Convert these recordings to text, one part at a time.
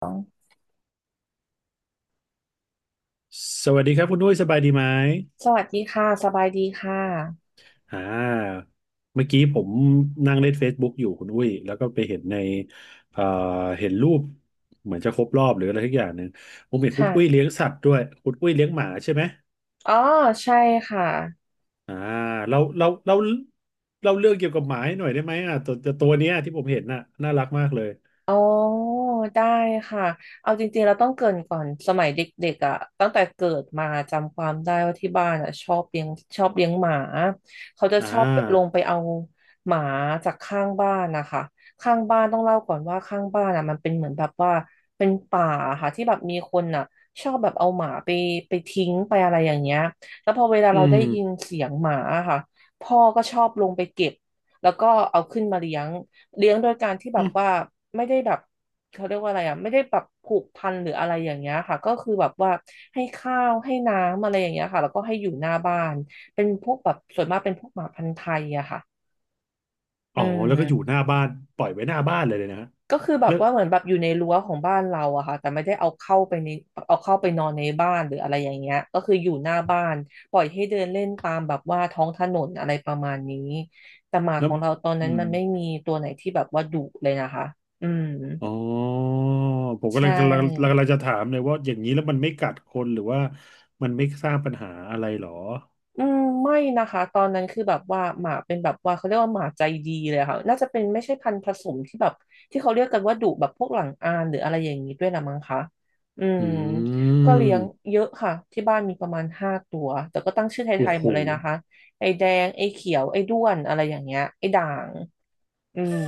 สองสวัสดีครับคุณอุ้ยสบายดีไหมสวัสดีค่ะสบายดีค่ะอ่าเมื่อกี้ผมนั่งเล่น Facebook อยู่คุณอุ้ยแล้วก็ไปเห็นในเอ่อเห็นรูปเหมือนจะครบรอบหรืออะไรทุกอย่างหนึ่งผมเห็นคุณอุ้ยค่ะ เลี้ยงสัตว์ด้วยคุณอุ้ยเลี้ยงหมาใช่ไหมอ๋อ ใช่ค่ะ อ่าเราเราเราเราเรื่องเกี่ยวกับหมาให้หน่อยได้ไหมอ่ะตัวเนี้ยที่ผมเห็นน่ะน่ารักมากเลยอ๋อได้ค่ะเอาจริงๆเราต้องเกริ่นก่อนสมัยเด็กๆอ่ะตั้งแต่เกิดมาจำความได้ว่าที่บ้านอ่ะชอบเลี้ยงหมาเขาจะอ่ชอบลงาไปเอาหมาจากข้างบ้านนะคะข้างบ้านต้องเล่าก่อนว่าข้างบ้านอ่ะมันเป็นเหมือนแบบว่าเป็นป่าค่ะที่แบบมีคนอ่ะชอบแบบเอาหมาไปทิ้งไปอะไรอย่างเงี้ยแล้วพอเวลาอืเรามได้ยินเสียงหมาค่ะพ่อก็ชอบลงไปเก็บแล้วก็เอาขึ้นมาเลี้ยง เลี้ยงโดยการที่แบอืบมว่าไม่ได้แบบเขาเรียกว่าอะไรอ่ะไม่ได้แบบผูกพันหรืออะไรอย่างเงี้ยค่ะก็คือแบบว่าให้ข้าวให้น้ำอะไรอย่างเงี้ยค่ะแล้วก็ให้อยู่หน้าบ้านเป็นพวกแบบส่วนมากเป็นพวกหมาพันธุ์ไทยอะค่ะอ๋อือ แล้วก็อยู่มหน้าบ้านปล่อยไว้หน้าบ้านเลยเลยนะฮะก็คือแบแล้บวว่าเหมือนแบบอยู่ในรั้วของบ้านเราอะค่ะแต่ไม่ได้เอาเข้าไปนอนในบ้านหรืออะไรอย่างเงี้ยก็คืออยู่หน้าบ้านปล่อยให้เดินเล่นตามแบบว่าท้องถนนอะไรประมาณนี้แต่หมาแล้ขวองเราตอนอืนั้นมัม นไม่มีตัวไหนที่แบบว่าดุเลยนะคะอืม อ๋อผมใชกำลังกำลัง่กำลังจะถามเลยว่าอย่างนี้แล้วมันไม่กัดคนหรือว่ามันไม่สร้างปัญหาอะไรหรออืมไม่นะคะ ตอนนั้นคือแบบว่าหมาเป็นแบบว่าเขาเรียกว่าหมาใจดีเลยค่ะน่าจะเป็นไม่ใช่พันธุ์ผสมที่แบบที่เขาเรียกกันว่าดุแบบพวกหลังอานหรืออะไรอย่างนี้ด้วยละมั้งคะอืมอืก็เลี้ยงมเยอะค่ะที่บ้านมีประมาณ5 ตัวแต่ก็ตั้งชื่อไทโอ้ยๆโหหมดเลยนะคะ ไอ้แดงไอ้เขียวไอ้ด้วนอะไรอย่างเงี้ยไอ้ด่างอืม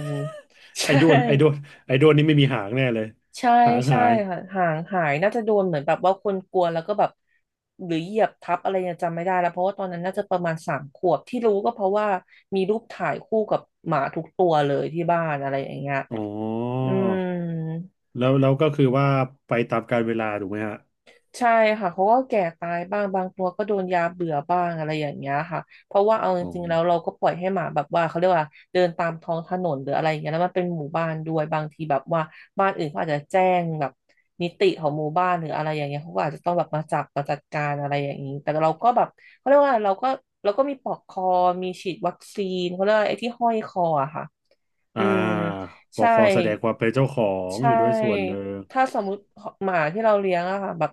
ไอ้ใช่ ด้วนไอ้ด้วนไอ้ด้วนนี่ไม่มีหางแน่เลยใช่หางใช่หายค่ะห่างหายน่าจะโดนเหมือนแบบว่าคนกลัวแล้วก็แบบหรือเหยียบทับอะไรเนี่ยจำไม่ได้แล้วเพราะว่าตอนนั้นน่าจะประมาณ3 ขวบที่รู้ก็เพราะว่ามีรูปถ่ายคู่กับหมาทุกตัวเลยที่บ้านอะไรอย่างเงี้ยอ๋ออืม แล้วก็คือว่าไปตามกาลเวลาถูกไหมฮะใช่ค่ะเขาก็แก่ตายบ้างบางตัวก็โดนยาเบื่อบ้างอะไรอย่างเงี้ยค่ะเพราะว่าเอาจอ๋อริงๆแล้วเราก็ปล่อยให้หมาแบบว่าเขาเรียกว่าเดินตามท้องถนนหรืออะไรอย่างเงี้ยแล้วมันเป็นหมู่บ้านด้วยบางทีแบบว่าบ้านอื่นเขาอาจจะแจ้งแบบนิติของหมู่บ้านหรืออะไรอย่างเงี้ยเขาก็อาจจะต้องแบบมาจับมาจัดการอะไรอย่างนี้แต่เราก็แบบเขาเรียกว่าเราก็มีปลอกคอมีฉีดวัคซีนเขาเรียกว่าไอ้ที่ห้อยคออะค่ะอือ่ามบใช่คแสดงความเป็นเจ้าของใช่อยู่ด้วยส่วนหนึ่งถ้าสมมติหมาที่เราเลี้ยงอะค่ะแบบ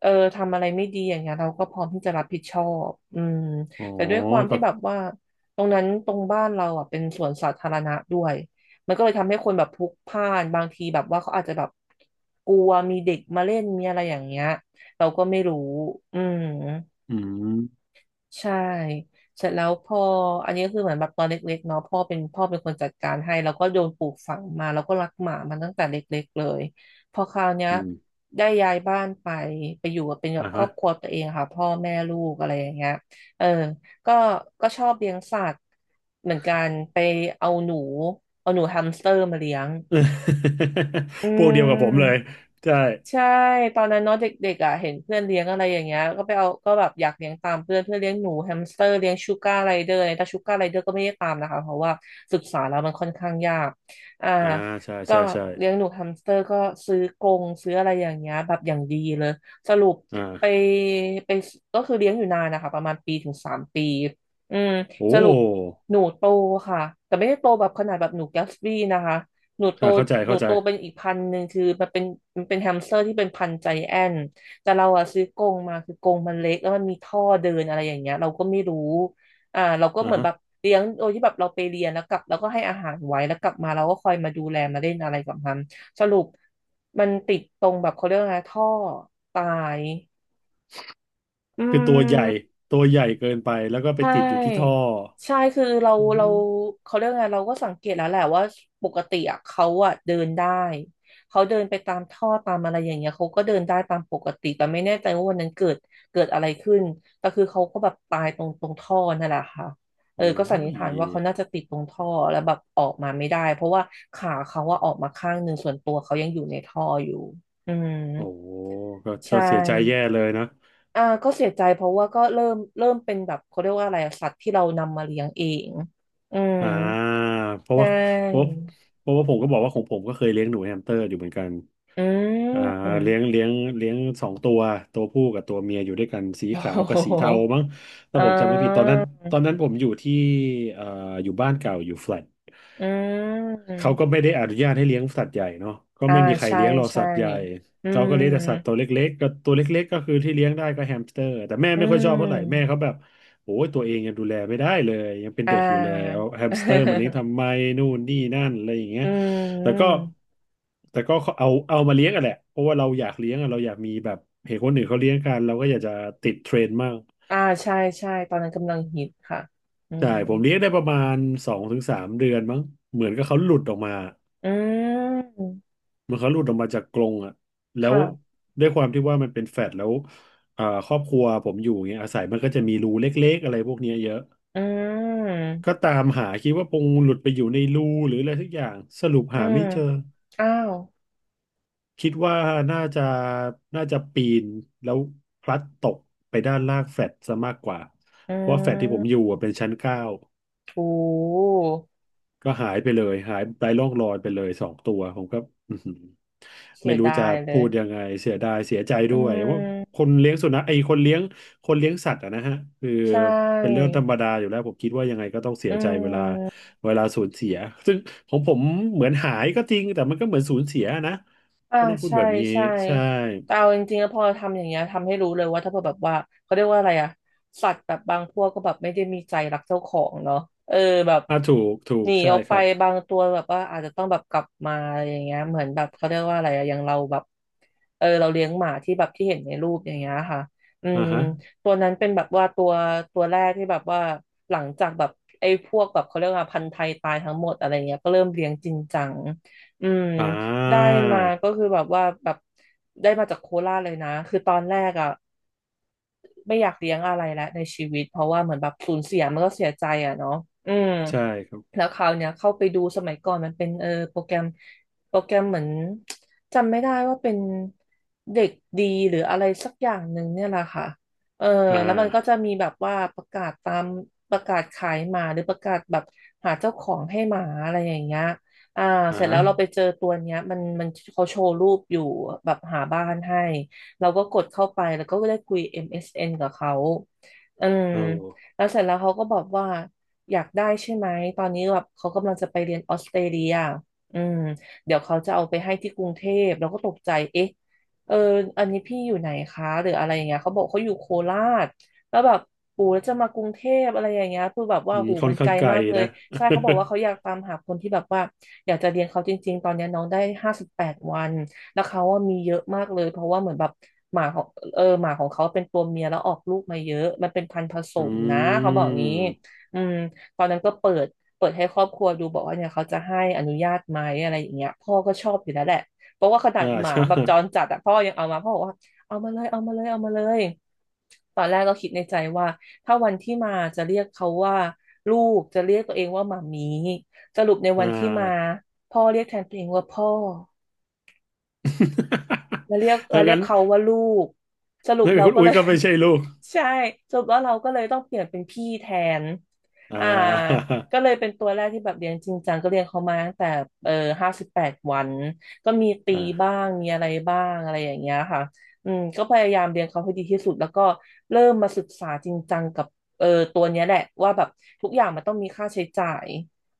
เออทำอะไรไม่ดีอย่างเงี้ยเราก็พร้อมที่จะรับผิดชอบอืมอ๋อแต่ด้วยความก็ที่แบบว่าตรงนั้นตรงบ้านเราอ่ะเป็นสวนสาธารณะด้วยมันก็เลยทำให้คนแบบพลุกพล่านบางทีแบบว่าเขาอาจจะแบบกลัวมีเด็กมาเล่นมีอะไรอย่างเงี้ยเราก็ไม่รู้อืม อืมใช่เสร็จแล้วพ่ออันนี้ก็คือเหมือนแบบตอนเล็กๆเนาะพ่อเป็นคนจัดการให้แล้วก็โดนปลูกฝังมาแล้วก็รักหมามันตั้งแต่เล็กๆเลยพอคราวเนี้ยอืมได้ย้ายบ้านไปอยู่กับเป็นแบบอ่ะครฮะ อบครัวตัวเองค่ะพ่อแม่ลูกอะไรอย่างเงี้ยเออก็ก็ชอบเลี้ยงสัตว์เหมือนกันไปเอาหนูเอาหนูแฮมสเตอร์มาเลี้ยงอื พวกเดียวกับผมเลยม ใช่ ใช่ตอนนั้นเนาะเด็กๆอ่ะเห็นเพื่อนเลี้ยงอะไรอย่างเงี้ยก็ไปเอาก็แบบอยากเลี้ยงตามเพื่อนเพื่อนเลี้ยงหนูแฮมสเตอร์เลี้ยงชูการ์ไรเดอร์อะไรแต่ชูการ์ไรเดอร์ก็ไม่ได้ตามนะคะเพราะว่าศึกษาแล้วมันค่อนข้างยากอ่าอ่าใช่ก็ใช่ใช่เลี้ยงหนูแฮมสเตอร์ก็ซื้อกรงซื้ออะไรอย่างเงี้ยแบบอย่างดีเลยสรุปอ่ไปาไปก็คือเลี้ยงอยู่นานนะคะประมาณ1 ถึง 3 ปีอืมสโอ้รุปหนูโตค่ะแต่ไม่ได้โตแบบขนาดแบบหนูแกสบี้นะคะ หนูโตอ่าเข้าใจหนูเข้าใจโตเป็นอีกพันธุ์หนึ่งคือมันเป็นแฮมสเตอร์ที่เป็นพันธุ์ใจแอนท์แต่เราอะซื้อกรงมาคือกรงมันเล็กแล้วมันมีท่อเดินอะไรอย่างเงี้ยเราก็ไม่รู้เราก็เหอ่ามือนฮะแบบเลี้ยงโดยที่แบบเราไปเรียนแล้วกลับเราก็ให้อาหารไว้แล้วกลับมาเราก็คอยมาดูแลมาเล่นอะไรกับมันสรุปมันติดตรงแบบเขาเรียกว่าไงท่อตายอืคือตัวใหญ่ม ตัวใหญ่เกินไปแล้วก็ไปใชติดอยู่ที่ท่อ่ใช่คือเราอืเรามเขาเรียกไงเราก็สังเกตแล้วแหละว่าปกติอะเขาอะเดินได้เขาเดินไปตามท่อตามอะไรอย่างเงี้ยเขาก็เดินได้ตามปกติแต่ไม่แน่ใจว่าวันนั้นเกิดอะไรขึ้นแต่คือเขาก็แบบตายตรงท่อนั่นแหละค่ะเออโอ้ก็สันนิษยฐานว่าเขาน่าจะติดตรงท่อแล้วแบบออกมาไม่ได้เพราะว่าขาเขาว่าอะออกมาข้างหนึ่งส่วนตัวเขายังอยู่ในท่ออยู่อืมโอ้ก็ใชก็เสียใจแย่่ เลยนะอ่าก็เสียใจเพราะว่าก็เริ่มเป็นแบบเขาเรียกว่าอะไรอะสัตว์ที่เรานำมาเลี้ยงเอง อืม อ่าเพใชราะว่าเพราะ่เพราะว่าผมก็บอกว่าของผมก็เคยเลี้ยงหนูแฮมสเตอร์อยู่เหมือนกันอือ่าม เลี้ยงเลี้ยงเลี้ยงสองตัวตัวผู้กับตัวเมียอยู่ด้วยกันสีโอ้ขาวโหกับสีเทามั้งถ้าอ่ผมจำไม่ผิดตอนานั้นตอนนั้นผมอยู่ที่เอ่ออยู่บ้านเก่าอยู่แฟลต อืมเขาก็ไม่ได้อนุญาตให้เลี้ยงสัตว์ใหญ่เนาะก็อ่าไม่มีใครใช่เลี้ยงหรอกใช่สัตว์ใหญ่อืเขาก็มเลี้ยงแต่สัตว์ตัวเล็กๆก็ตัวเล็กๆก็คือที่เลี้ยงได้ก็แฮมสเตอร์แต่แม่อืไม่ค่อยชอบเท่าไหร่แม่มเขาแบบโอ้ยตัวเองยังดูแลไม่ได้เลยยังเป็นอ่า เด็กอยู่เลยเอาแฮมสเตอร์มาเลี้ยง ทำไมนู่นนี่นั่นอะไรอย่างเงี้ยอืแต่ก็มแต่ก็เอามาเลี้ยงอะแหละเพราะว่าเราอยากเลี้ยงอะเราอยากมีแบบเห็นคนอื่นเขาเลี้ยงกันเราก็อยากจะติดเทรนด์มั่งอ่าใช่ใช่ตอนนั้นกำลังฮิตค่ะอืใช่มผมเลี้ยงได้ประมาณสองถึงสามเดือนมั้งเหมือนกับเขาหลุดออกมา อืมเหมันเขาหลุดออกมาจากกรงอ่ะแล้วค่ะด้วยความที่ว่ามันเป็นแฟลตแล้วอ่าครอบครัวผมอยู่เงี้ยอาศัยมันก็จะมีรูเล็กๆอะไรพวกเนี้ยเยอะอืมก็ตามหาคิดว่าคงหลุดไปอยู่ในรูหรืออะไรสักอย่างสรุปอืหามไม่เจออ้าว คิดว่าน่าจะน่าจะปีนแล้วพลัดตกไปด้านล่างแฟลตซะมากกว่าอืเพราะว่าแฟลตที่ผมอยู่ม อะเป็นชั้นเก้า โอ้ก็หายไปเลยหายไร้ร่องรอยไปเลยสองตัวผมก็อื้อหือเสีไม่ยรู้ดาจะยเลพูยดยังไงเสียดายเสียใจอืด้วยว่าคมนเลี้ยงสุนัขไอ้คนเลี้ยงคนเลี้ยงสัตว์อะนะฮะคือใช่เป็นเรื่องธรรมดาอยู่แล้วผมคิดว่ายังไงก็ต้องเสีอืยใจเวลาม สูญเสียซึ่งของผมเหมือนหายก็จริงแต่มันก็เหมือนสูญเสียนะอ่าก็ต้องพูดใช่แบบนี้ใช่ใช่แต่เอาจริงๆแล้วพอทำอย่างเงี้ยทำให้รู้เลยว่าถ้าเผื่อแบบว่าเขาเรียกว่าอะไรอะสัตว์แบบบางพวกก็แบบไม่ได้มีใจรักเจ้าของเนาะเออแบบอ่าถูกถูหกนีใช่ออกคไปรับบางตัวแบบว่าอาจจะต้องแบบกลับมาอะไรอย่างเงี้ยเหมือนแบบเขาเรียกว่าอะไรอะอย่างเราแบบเราเลี้ยงหมาที่แบบที่เห็นในรูปอย่างเงี้ยค่ะอือ่ามฮะตัวนั้นเป็นแบบว่าตัวแรกที่แบบว่าหลังจากแบบไอ้พวกแบบเขาเรียกว่าพันธุ์ไทยตายทั้งหมดอะไรเงี้ยก็เริ่มเลี้ยงจริงจังอืม อ่ได้ามาก็คือแบบว่าแบบได้มาจากโคราชเลยนะคือตอนแรกอ่ะไม่อยากเลี้ยงอะไรแล้วในชีวิตเพราะว่าเหมือนแบบสูญเสียมันก็เสียใจอ่ะเนาะอืม ใช่ครับแล้วคราวเนี้ยเข้าไปดูสมัยก่อนมันเป็นโปรแกรมเหมือนจำไม่ได้ว่าเป็นเด็กดีหรืออะไรสักอย่างหนึ่งเนี่ยแหละค่ะเอออ่แล้วมันก็จะามีแบบว่าประกาศตามประกาศขายหมาหรือประกาศแบบหาเจ้าของให้หมาอะไรอย่างเงี้ยอ่าอ่าเสร็จแล้ฮะวเราไปเจอตัวเนี้ยมันเขาโชว์รูปอยู่แบบหาบ้านให้เราก็กดเข้าไปแล้วก็ได้คุย MSN กับเขาอืมเอา แล้วเสร็จแล้วเขาก็บอกว่า อยากได้ใช่ไหมตอนนี้แบบเขากำลังจะไปเรียนออสเตรเลียอืมเดี๋ยวเขาจะเอาไปให้ที่กรุงเทพแล้วก็ตกใจเอ๊ะเอออันนี้พี่อยู่ไหนคะหรืออะไรอย่างเงี้ยเขาบอกเขาอยู่โคราชแล้วแบบปู่แล้วจะมากรุงเทพอะไรอย่างเงี้ยคือแบบว่าอืมหูค่อมันนไกข้างลไกลมากเลยนะ ใช่เขาบอกว่าเขาอยากตามหาคนที่แบบว่าอยากจะเรียนเขาจริงๆตอนเนี้ยน้องได้ห้าสิบแปดวันแล้วเขาว่ามีเยอะมากเลยเพราะว่าเหมือนแบบหมาของหมาของเขาเป็นตัวเมียแล้วออกลูกมาเยอะมันเป็นพันธุ์ผส อมนะืเขาบอกงี้ม อืม ตอนนั้นก็เปิดให้ครอบครัวดูบอกว่าเนี่ยเขาจะให้อนุญาตไหมอะไรอย่างเงี้ยพ่อก็ชอบอยู่แล้วแหละเพราะว่าขนาอ่า ดห มาใช่แบบจรจัดอะพ่อยังเอามาพ่อบอกว่าเอามาเลยเอามาเลยตอนแรกก็คิดในใจว่าถ้าวันที่มาจะเรียกเขาว่าลูกจะเรียกตัวเองว่าหมามีสรุปในวัอ่า นที่มาพ่อเรียกแทนตัวเองว่าพ่อ เราเรียก ดัเรางเรียนั้กนเขาว่าลูกสรุปนั่นเราคุณก็อุ้เลยย ก็ไม่ใช่ลูก ใช่สรุปว่าเราก็เลยต้องเปลี่ยนเป็นพี่แทนอ่อ่าา ก็เลยเป็นตัวแรกที่แบบเรียนจริงจังก็เรียนเขามาตั้งแต่เออห้าสิบแปดวันก็มี ตีบ้าอ่างมีอะไรบ้างอะไรอย่างเงี้ยค่ะอืมก็พยายามเรียนเขาให้ดีที่สุดแล้วก็เริ่มมาศึกษาจริงจังกับเออตัวเนี้ยแหละว่าแบบทุกอย่างมันต้องมีค่าใช้จ่าย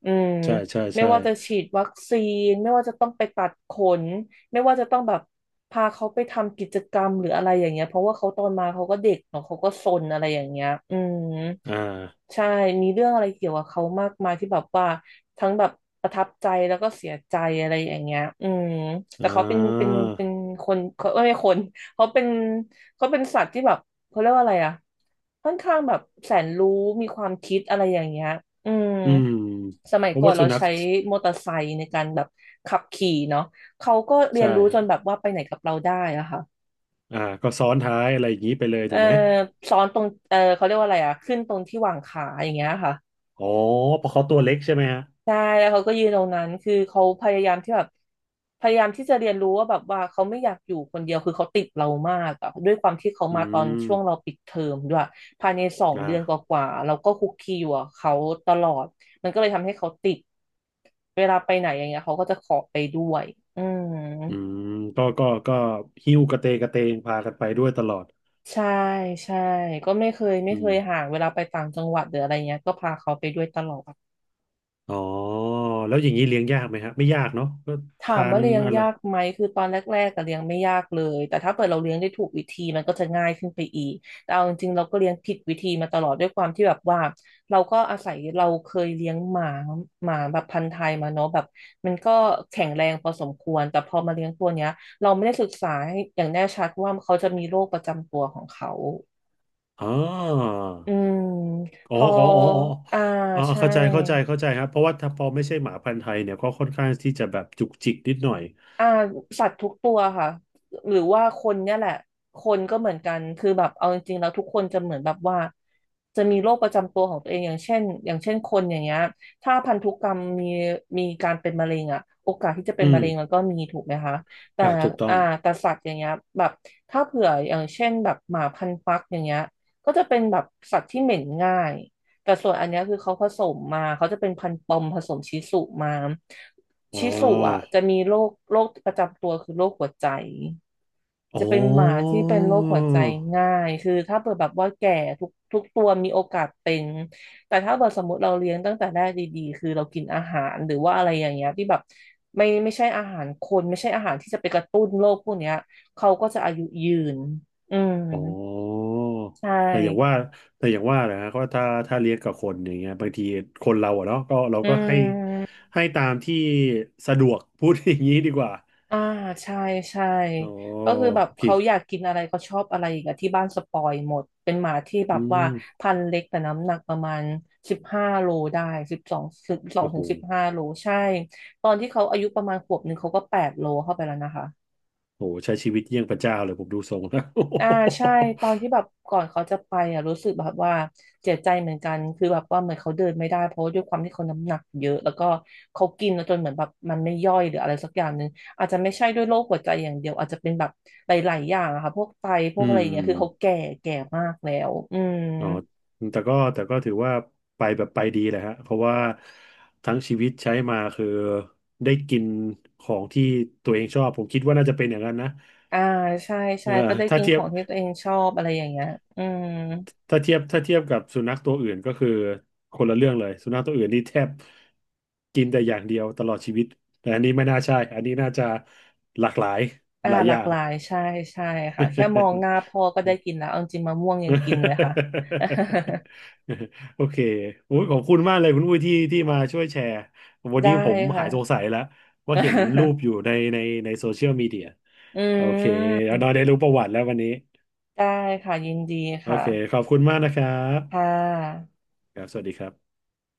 อืมใช่ใช่ไม่ใช่ว่าจะฉีดวัคซีนไม่ว่าจะต้องไปตัดขน ไม่ว่าจะต้องแบบพาเขาไปทำกิจกรรมหรืออะไรอย่างเงี้ยเพราะว่าเขาตอนมาเขาก็เด็กเนาะเขาก็ซนอะไรอย่างเงี้ยอืมอ่าใช่มีเรื่องอะไรเกี่ยวกับเขามากมายที่แบบว่าทั้งแบบประทับใจแล้วก็เสียใจอะไรอย่างเงี้ยอืมแต่อ่เขาเป็นเป็นาเป็นคนเขาไม่ใช่คนเขาเป็นเขาเป็นสัตว์ที่แบบเขาเรียกว่าอะไรอะค่อนข้างแบบแสนรู้มีความคิดอะไรอย่างเงี้ยอืมอืมสมัยเพราะก่อว่านสุเรานัขใช้มอเตอร์ไซค์ในการแบบขับขี่เนาะ เขาก็เรียใช่นรู้จฮะนแบบว่าไปไหนกับเราได้อะค่ะอ่าก็ซ้อนท้ายอะไรอย่างนี้ไปเลยเออถูกไหม ซ้อนตรงเขาเรียกว่าอะไรอะขึ้นตรงที่วางขาอย่างเงี้ยค่ะอ๋อเพราะเขาตัวเล็กใช่ไหมฮะใช่แล้วเขาก็ยืนตรงนั้นคือเขาพยายามที่แบบพยายามที่จะเรียนรู้ว่าแบบว่าเขาไม่อยากอยู่คนเดียวคือเขาติดเรามากอะด้วยความที่เขาอืมาตอนมช่วงเราปิดเทอมด้วยภายใน2 เดือนกอ่าว่าๆเราก็คุกคีอยู่กับเขาตลอดมันก็เลยทำให้เขาติดเวลาไปไหนอย่างเงี้ยเขาก็จะขอไปด้วยอืม อืม ก็หิ้วกระเตงกระเตงพากันไปด้วยตลอดใช่ใช่ก็ไม่เคยไม่อืเคม ยห่างเวลาไปต่างจังหวัดหรืออะไรเงี้ยก็พาเขาไปด้วยตลอดอ๋อแล้วอย่างนี้เลี้ยงยากไหมฮะไม่ยากเนาะก็ถาทามว่านเลี้ยงอะไรยากไหมคือตอนแรกๆก็เลี้ยงไม่ยากเลยแต่ถ้าเกิดเราเลี้ยงได้ถูกวิธีมันก็จะง่ายขึ้นไปอีกแต่เอาจริงๆเราก็เลี้ยงผิดวิธีมาตลอดด้วยความที่แบบว่าเราก็อาศัยเราเคยเลี้ยงหมาหมาแบบพันธุ์ไทยมาเนาะแบบมันก็แข็งแรงพอสมควรแต่พอมาเลี้ยงตัวเนี้ยเราไม่ได้ศึกษาให้อย่างแน่ชัดว่าเขาจะมีโรคประจำตัวของเขา อ๋ออืมพอ๋อออ๋ออ๋ออ๋ออ่าอ๋อใช่เข้าใจเข้าใจเข้าใจครับเพราะว่าถ้าพอไม่ใช่หมาพันธุ์ไทยเนี่ยก็ค่อนข้างที่จะแบบจุกจิกนิดหน่อยอ่าสัตว์ทุกตัวค่ะหรือว่าคนเนี่ยแหละคนก็เหมือนกันคือแบบเอาจริงๆแล้วทุกคนจะเหมือนแบบว่าจะมีโรคประจำตัวของตัวเองอย่างเช่นอย่างเช่นคนอย่างเงี้ยถ้าพันธุกรรมมีการเป็นมะเร็งอะโอกาสที่จะเป็อืนมะมเร็งมันก็มีถูกไหมคะแต่อ่าถูกต้ออ่างแต่สัตว์อย่างเงี้ยแบบถ้าเผื่ออย่างเช่นแบบหมาพันธุ์ฟักอย่างเงี้ยก็จะเป็นแบบสัตว์ที่เหม็นง่าย แต่ส่วนอันเนี้ยคือเขาผสมมาเขาจะเป็นพันธุ์ปอมผสมชิสุมาอ๋ชิสุอ่ะอจะมีโรคประจำตัวคือโรคหัวใจอ๋จะเป็นหมาอที่เป็นโรคหัวใจง่ายคือถ้าเปิดแบบว่าแก่ทุกตัวมีโอกาสเป็นแต่ถ้าเปิดสมมติเราเลี้ยงตั้งแต่แรกดีๆคือเรากินอาหารหรือว่าอะไรอย่างเงี้ยที่แบบไม่ใช่อาหารคนไม่ใช่อาหารที่จะไปกระตุ้นโรคพวกเนี้ยเขาก็จะอายุยืนอืมอ๋อใช่แต่อย่างว่าแต่อย่างว่านะฮะก็ถ้าเลี้ยงกับคนอย่างเงี้ยบางทีคนเราอะเนาะก็เราอืก็ให้ม ให้ตามที่สะดวกพูดอย่างนี้ดีกว่าอ่าใช่ใช่อ๋อก็คือแบบโอเค เขาอยากกินอะไรเขาชอบอะไรอีกอะที่บ้านสปอยหมดเป็นหมาที่แบอืบว่ามพันธุ์เล็กแต่น้ำหนักประมาณสิบห้าโลได้สิบสองโอ้ถึโหงสิบห้าโลใช่ตอนที่เขาอายุประมาณ1 ขวบเขาก็8 โลเข้าไปแล้วนะคะ โอ้โหใช้ชีวิตเยี่ยงพระเจ้าเลยผมดูทรงแล้ว อ่าใช่ตอนที่ แบบก่อนเขาจะไปอ่ะรู้สึกแบบว่าเจ็บใจเหมือนกันคือแบบว่าเหมือนเขาเดินไม่ได้เพราะว่าด้วยความที่เขาน้ำหนักเยอะแล้วก็เขากินแล้วจนเหมือนแบบมันไม่ย่อยหรืออะไรสักอย่างหนึ่งอาจจะไม่ใช่ด้วยโรคหัวใจอย่างเดียวอาจจะเป็นแบบหลายๆอย่างอะค่ะพวกไตพวอืกอะไรอย่างเงี้ยคือเขามแก่แก่มากแล้วอืมอ๋อแต่ก็ถือว่าไปแบบไปดีแหละฮะเพราะว่าทั้งชีวิตใช้มาคือได้กินของที่ตัวเองชอบ ผมคิดว่าน่าจะเป็นอย่างนั้นนะอ่าใช่เอใช่อก็ได้ถ้ากินเทีขยบองที่ตัวเองชอบอะไรอย่างเงี้ยอืมถ้าเทียบกับสุนัขตัวอื่นก็คือคนละเรื่องเลย สุนัขตัวอื่นนี่แทบกินแต่อย่างเดียวตลอดชีวิต แต่อันนี้ไม่น่าใช่ อันนี้น่าจะหลากหลายหลายหอลากย่าง หลายใช่ใช่ค่ะแค่มองหน้าพ่อก็ได้กิ นแล้วเอาจริงๆมะม่วงยังกินเลยค่ะ โอเคโอ้ยขอบคุณมากเลยคุณอุ้ยที่มาช่วยแชร์วันได้นี้ผมค่ะ หายสงสัยแล้วว่าเห็นรูปอ ยู่ในโซเชียลมีเดียอืโอเคแล้วเรามได้รู้ประวัติแล้ววันนี้ได้ค่ะยินดีโอค่ะเคขอบคุณมากนะครัค่บะครับสวัสดีครับ